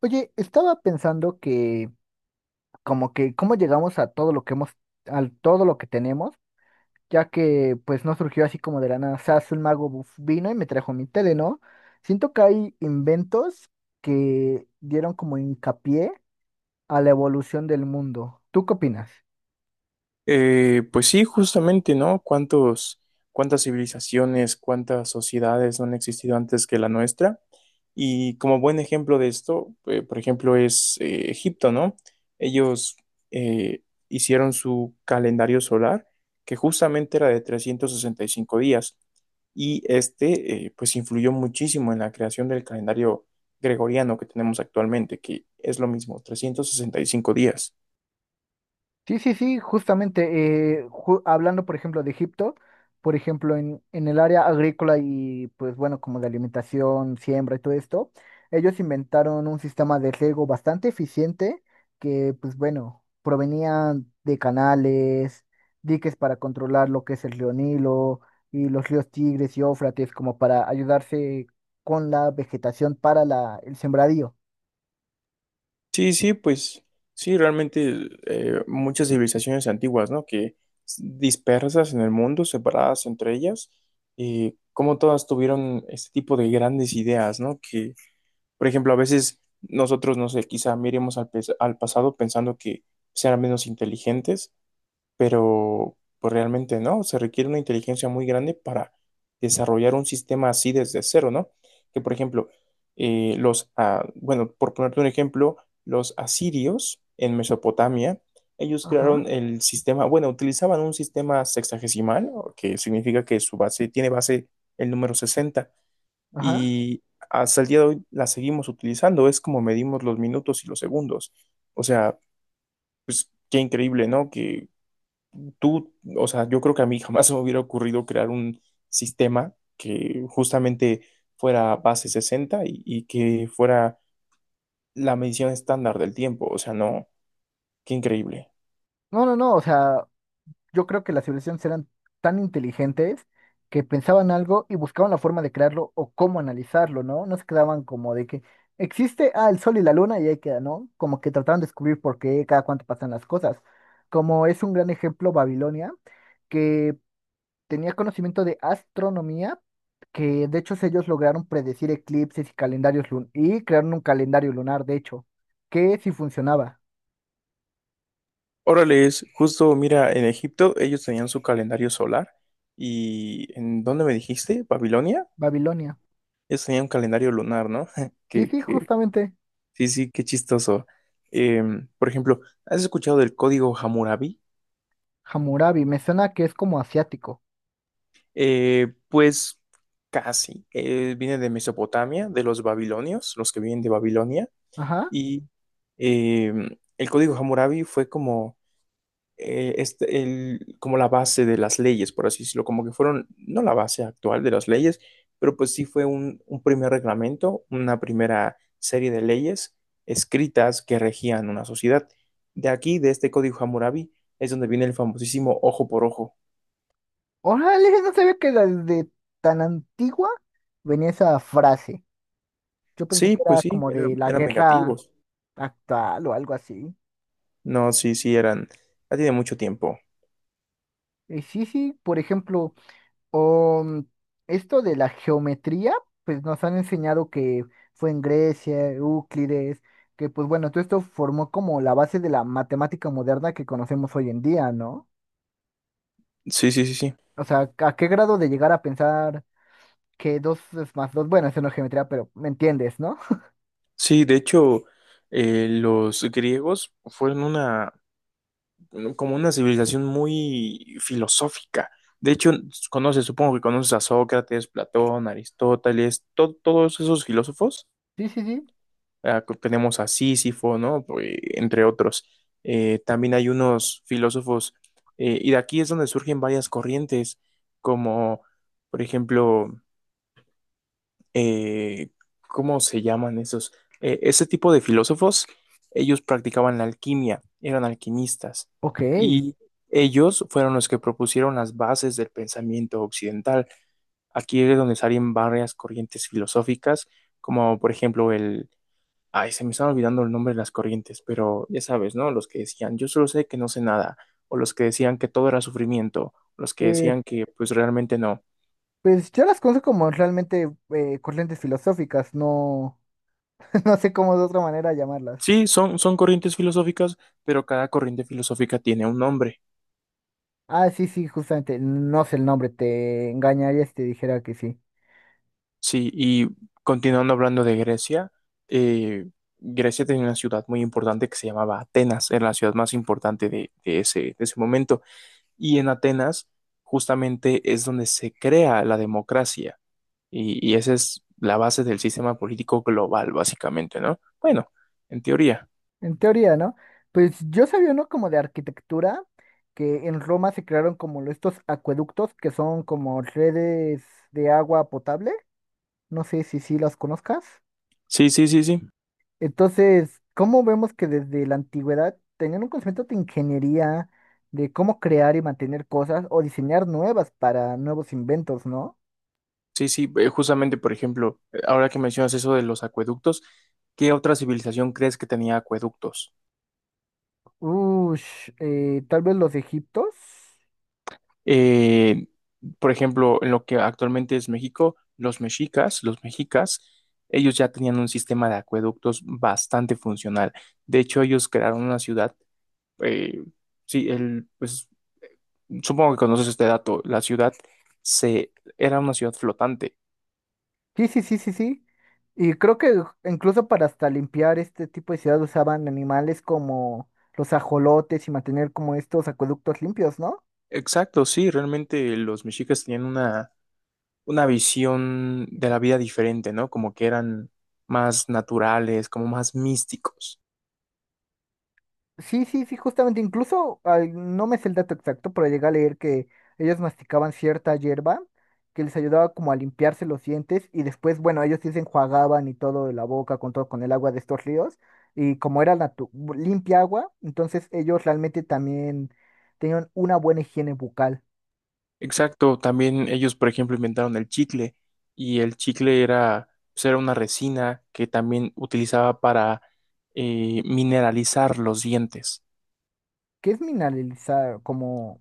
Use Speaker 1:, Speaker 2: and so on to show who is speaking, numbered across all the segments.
Speaker 1: Oye, estaba pensando que como que cómo llegamos a todo lo que hemos, a todo lo que tenemos, ya que pues no surgió así como de la nada. O sea, un mago vino y me trajo mi tele, ¿no? Siento que hay inventos que dieron como hincapié a la evolución del mundo. ¿Tú qué opinas?
Speaker 2: Pues sí, justamente, ¿no? ¿Cuántas civilizaciones, cuántas sociedades no han existido antes que la nuestra? Y como buen ejemplo de esto, por ejemplo, es Egipto, ¿no? Ellos eh, hicieron su calendario solar, que justamente era de 365 días, y pues, influyó muchísimo en la creación del calendario gregoriano que tenemos actualmente, que es lo mismo, 365 días.
Speaker 1: Sí, sí, sí, justamente, hablando por ejemplo de Egipto, por ejemplo en el área agrícola y pues bueno, como de alimentación, siembra y todo esto, ellos inventaron un sistema de riego bastante eficiente que pues bueno, provenía de canales, diques para controlar lo que es el río Nilo y los ríos Tigres y Éufrates como para ayudarse con la vegetación para el sembradío.
Speaker 2: Sí, sí, pues sí, realmente muchas civilizaciones antiguas, ¿no? Dispersas en el mundo, separadas entre ellas, y como todas tuvieron este tipo de grandes ideas, ¿no? Que, por ejemplo, a veces nosotros, no sé, quizá miremos al pasado pensando que serán menos inteligentes, pero pues realmente no, se requiere una inteligencia muy grande para desarrollar un sistema así desde cero, ¿no? Que por ejemplo, bueno, por ponerte un ejemplo, los asirios en Mesopotamia, ellos
Speaker 1: Ajá,
Speaker 2: crearon el sistema, bueno, utilizaban un sistema sexagesimal, o que significa que su base tiene base el número sesenta,
Speaker 1: ajá.
Speaker 2: y hasta el día de hoy la seguimos utilizando, es como medimos los minutos y los segundos. O sea, pues qué increíble, ¿no? O sea, yo creo que a mí jamás se me hubiera ocurrido crear un sistema que justamente fuera base 60 y que fuera la medición estándar del tiempo. O sea, no, qué increíble.
Speaker 1: No, no, no, o sea, yo creo que las civilizaciones eran tan inteligentes que pensaban algo y buscaban la forma de crearlo o cómo analizarlo, ¿no? No se quedaban como de que existe, ah, el sol y la luna y ahí queda, ¿no? Como que trataban de descubrir por qué, cada cuánto pasan las cosas. Como es un gran ejemplo Babilonia, que tenía conocimiento de astronomía, que de hecho ellos lograron predecir eclipses y calendarios lun y crearon un calendario lunar, de hecho, que sí funcionaba.
Speaker 2: Órale, es justo, mira, en Egipto ellos tenían su calendario solar y ¿en dónde me dijiste? ¿Babilonia?
Speaker 1: Babilonia.
Speaker 2: Ellos tenían un calendario lunar, ¿no?
Speaker 1: Sí,
Speaker 2: Que,
Speaker 1: sí,
Speaker 2: que,
Speaker 1: justamente.
Speaker 2: sí, sí, qué chistoso. Por ejemplo, ¿has escuchado del código Hammurabi?
Speaker 1: Hammurabi, me suena que es como asiático.
Speaker 2: Pues casi. Viene de Mesopotamia, de los babilonios, los que vienen de Babilonia.
Speaker 1: Ajá.
Speaker 2: Y eh, el código Hammurabi fue como, como la base de las leyes, por así decirlo. Como que fueron, no la base actual de las leyes, pero pues sí fue un primer reglamento, una primera serie de leyes escritas que regían una sociedad. De aquí, de este código Hammurabi, es donde viene el famosísimo ojo por ojo.
Speaker 1: Órale, no sabía que desde tan antigua venía esa frase. Yo pensé
Speaker 2: Sí,
Speaker 1: que
Speaker 2: pues
Speaker 1: era
Speaker 2: sí,
Speaker 1: como de la
Speaker 2: eran
Speaker 1: guerra
Speaker 2: vengativos.
Speaker 1: actual o algo así.
Speaker 2: No, sí, sí, eran. Ya tiene mucho tiempo.
Speaker 1: Y sí, sí, por ejemplo, um, esto de la geometría, pues nos han enseñado que fue en Grecia, Euclides, que pues bueno, todo esto formó como la base de la matemática moderna que conocemos hoy en día, ¿no?
Speaker 2: Sí, sí, sí, sí.
Speaker 1: O sea, ¿a qué grado de llegar a pensar que 2 es más dos? Bueno, eso no es geometría, pero me entiendes, ¿no?
Speaker 2: Sí, de hecho, los griegos fueron como una civilización muy filosófica. De hecho, supongo que conoces a Sócrates, Platón, Aristóteles, todos esos filósofos.
Speaker 1: Sí, sí, sí.
Speaker 2: Ah, que tenemos a Sísifo, ¿no? Pues, entre otros. También hay unos filósofos, y de aquí es donde surgen varias corrientes, como, por ejemplo, eh, ¿cómo se llaman esos? Ese tipo de filósofos, ellos practicaban la alquimia, eran alquimistas,
Speaker 1: Ok.
Speaker 2: y ellos fueron los que propusieron las bases del pensamiento occidental. Aquí es donde salen varias corrientes filosóficas, como por ejemplo el... Ay, se me están olvidando el nombre de las corrientes, pero ya sabes, ¿no? Los que decían, yo solo sé que no sé nada, o los que decían que todo era sufrimiento, los que decían que pues realmente no.
Speaker 1: Pues yo las conozco como realmente corrientes filosóficas, no, no sé cómo de otra manera llamarlas.
Speaker 2: Sí, son corrientes filosóficas, pero cada corriente filosófica tiene un nombre.
Speaker 1: Ah, sí, sí, justamente, no sé el nombre, te engañaría si te dijera que sí.
Speaker 2: Sí, y continuando hablando de Grecia, eh, Grecia tenía una ciudad muy importante que se llamaba Atenas, era la ciudad más importante de ese momento. Y en Atenas justamente es donde se crea la democracia y esa es la base del sistema político global, básicamente, ¿no? Bueno, en teoría.
Speaker 1: En teoría, ¿no? Pues yo sabía, ¿no? Como de arquitectura, que en Roma se crearon como estos acueductos que son como redes de agua potable. No sé si sí las conozcas.
Speaker 2: Sí, sí, sí, sí.
Speaker 1: Entonces, ¿cómo vemos que desde la antigüedad tenían un concepto de ingeniería, de cómo crear y mantener cosas o diseñar nuevas para nuevos inventos, ¿no?
Speaker 2: Sí, sí, justamente, por ejemplo, ahora que mencionas eso de los acueductos, ¿qué otra civilización crees que tenía acueductos?
Speaker 1: Ush, tal vez los egiptos.
Speaker 2: Eh, por ejemplo, en lo que actualmente es México, los mexicas, ellos ya tenían un sistema de acueductos bastante funcional. De hecho, ellos crearon una ciudad, eh, pues supongo que conoces este dato, era una ciudad flotante.
Speaker 1: Sí, sí, sí, sí, sí. Y creo que incluso para hasta limpiar este tipo de ciudad usaban animales como los ajolotes y mantener como estos acueductos limpios, ¿no?
Speaker 2: Exacto, sí, realmente los mexicas tenían una visión de la vida diferente, ¿no? Como que eran más naturales, como más místicos.
Speaker 1: Sí, sí, sí, justamente, incluso ay, no me sé el dato exacto, pero llegué a leer que ellos masticaban cierta hierba que les ayudaba como a limpiarse los dientes y después, bueno, ellos sí se enjuagaban y todo de la boca con el agua de estos ríos y como era limpia agua, entonces ellos realmente también tenían una buena higiene bucal,
Speaker 2: Exacto, también ellos, por ejemplo, inventaron el chicle y el chicle era, pues, era una resina que también utilizaba para mineralizar los dientes.
Speaker 1: que es mineralizar como,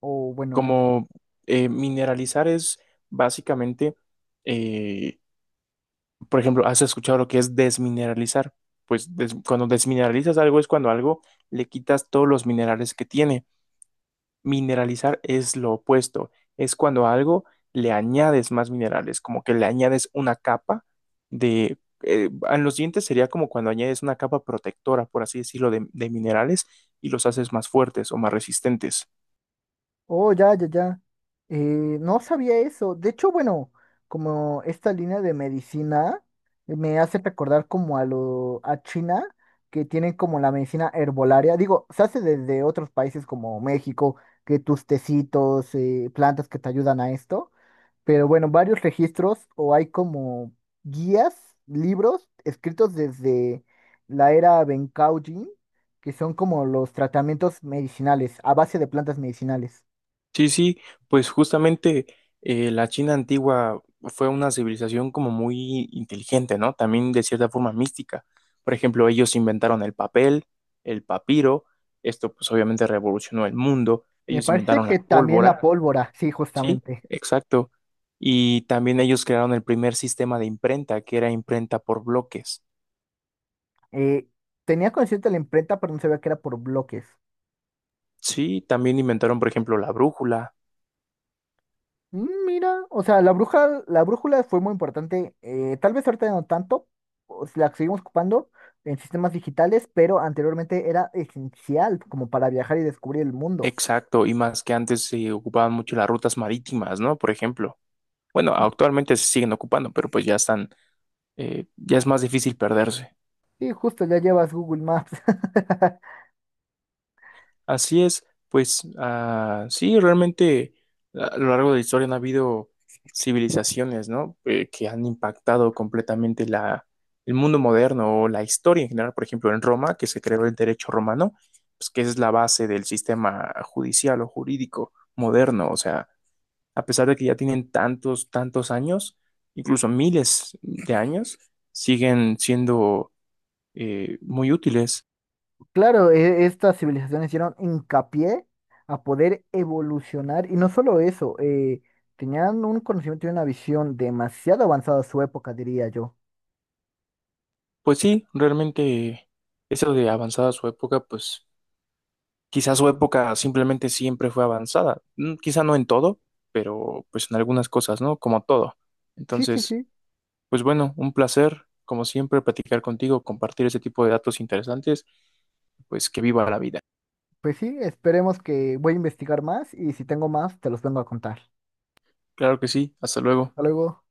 Speaker 1: o bueno, no.
Speaker 2: Como mineralizar es básicamente, eh, por ejemplo, ¿has escuchado lo que es desmineralizar? Cuando desmineralizas algo es cuando algo le quitas todos los minerales que tiene. Mineralizar es lo opuesto, es cuando a algo le añades más minerales, como que le añades una capa de... En los dientes sería como cuando añades una capa protectora, por así decirlo, de minerales y los haces más fuertes o más resistentes.
Speaker 1: Oh, ya, ya, ya. Eh, no sabía eso. De hecho, bueno, como esta línea de medicina me hace recordar como a China, que tienen como la medicina herbolaria. Digo, se hace desde otros países como México, que tus tecitos, plantas que te ayudan a esto. Pero bueno, varios registros o hay como guías, libros escritos desde la era Bencao Jin, que son como los tratamientos medicinales, a base de plantas medicinales.
Speaker 2: Sí, sí, pues justamente la China antigua fue una civilización como muy inteligente, ¿no? También de cierta forma mística. Por ejemplo, ellos inventaron el papel, el papiro, esto pues obviamente revolucionó el mundo,
Speaker 1: Me
Speaker 2: ellos
Speaker 1: parece
Speaker 2: inventaron la
Speaker 1: que también la
Speaker 2: pólvora,
Speaker 1: pólvora, sí,
Speaker 2: sí,
Speaker 1: justamente.
Speaker 2: exacto. Y también ellos crearon el primer sistema de imprenta, que era imprenta por bloques.
Speaker 1: Eh, tenía consciente la imprenta, pero no sabía que era por bloques.
Speaker 2: Sí, también inventaron, por ejemplo, la brújula,
Speaker 1: Mm, mira, o sea, la brújula fue muy importante. Eh, tal vez ahorita no tanto, o si la seguimos ocupando en sistemas digitales, pero anteriormente era esencial como para viajar y descubrir el mundo.
Speaker 2: exacto, y más que antes se ocupaban mucho las rutas marítimas, ¿no? Por ejemplo. Bueno, actualmente se siguen ocupando, pero pues ya están, ya es más difícil perderse.
Speaker 1: Sí, justo, ya llevas Google Maps.
Speaker 2: Así es, pues ah, sí, realmente a lo largo de la historia han habido civilizaciones, ¿no? Que han impactado completamente el mundo moderno o la historia en general. Por ejemplo, en Roma, que se creó el derecho romano, pues que es la base del sistema judicial o jurídico moderno. O sea, a pesar de que ya tienen tantos años, incluso miles de años, siguen siendo muy útiles.
Speaker 1: Claro, estas civilizaciones hicieron hincapié a poder evolucionar y no solo eso, tenían un conocimiento y una visión demasiado avanzada a su época, diría yo.
Speaker 2: Pues sí, realmente eso de avanzada su época, pues quizás su época simplemente siempre fue avanzada. Mm, quizá no en todo, pero pues en algunas cosas, ¿no? Como todo.
Speaker 1: Sí, sí,
Speaker 2: Entonces,
Speaker 1: sí.
Speaker 2: pues bueno, un placer, como siempre, platicar contigo, compartir ese tipo de datos interesantes, pues que viva la vida.
Speaker 1: Pues sí, esperemos que voy a investigar más y si tengo más, te los vengo a contar.
Speaker 2: Claro que sí, hasta luego.
Speaker 1: Hasta luego.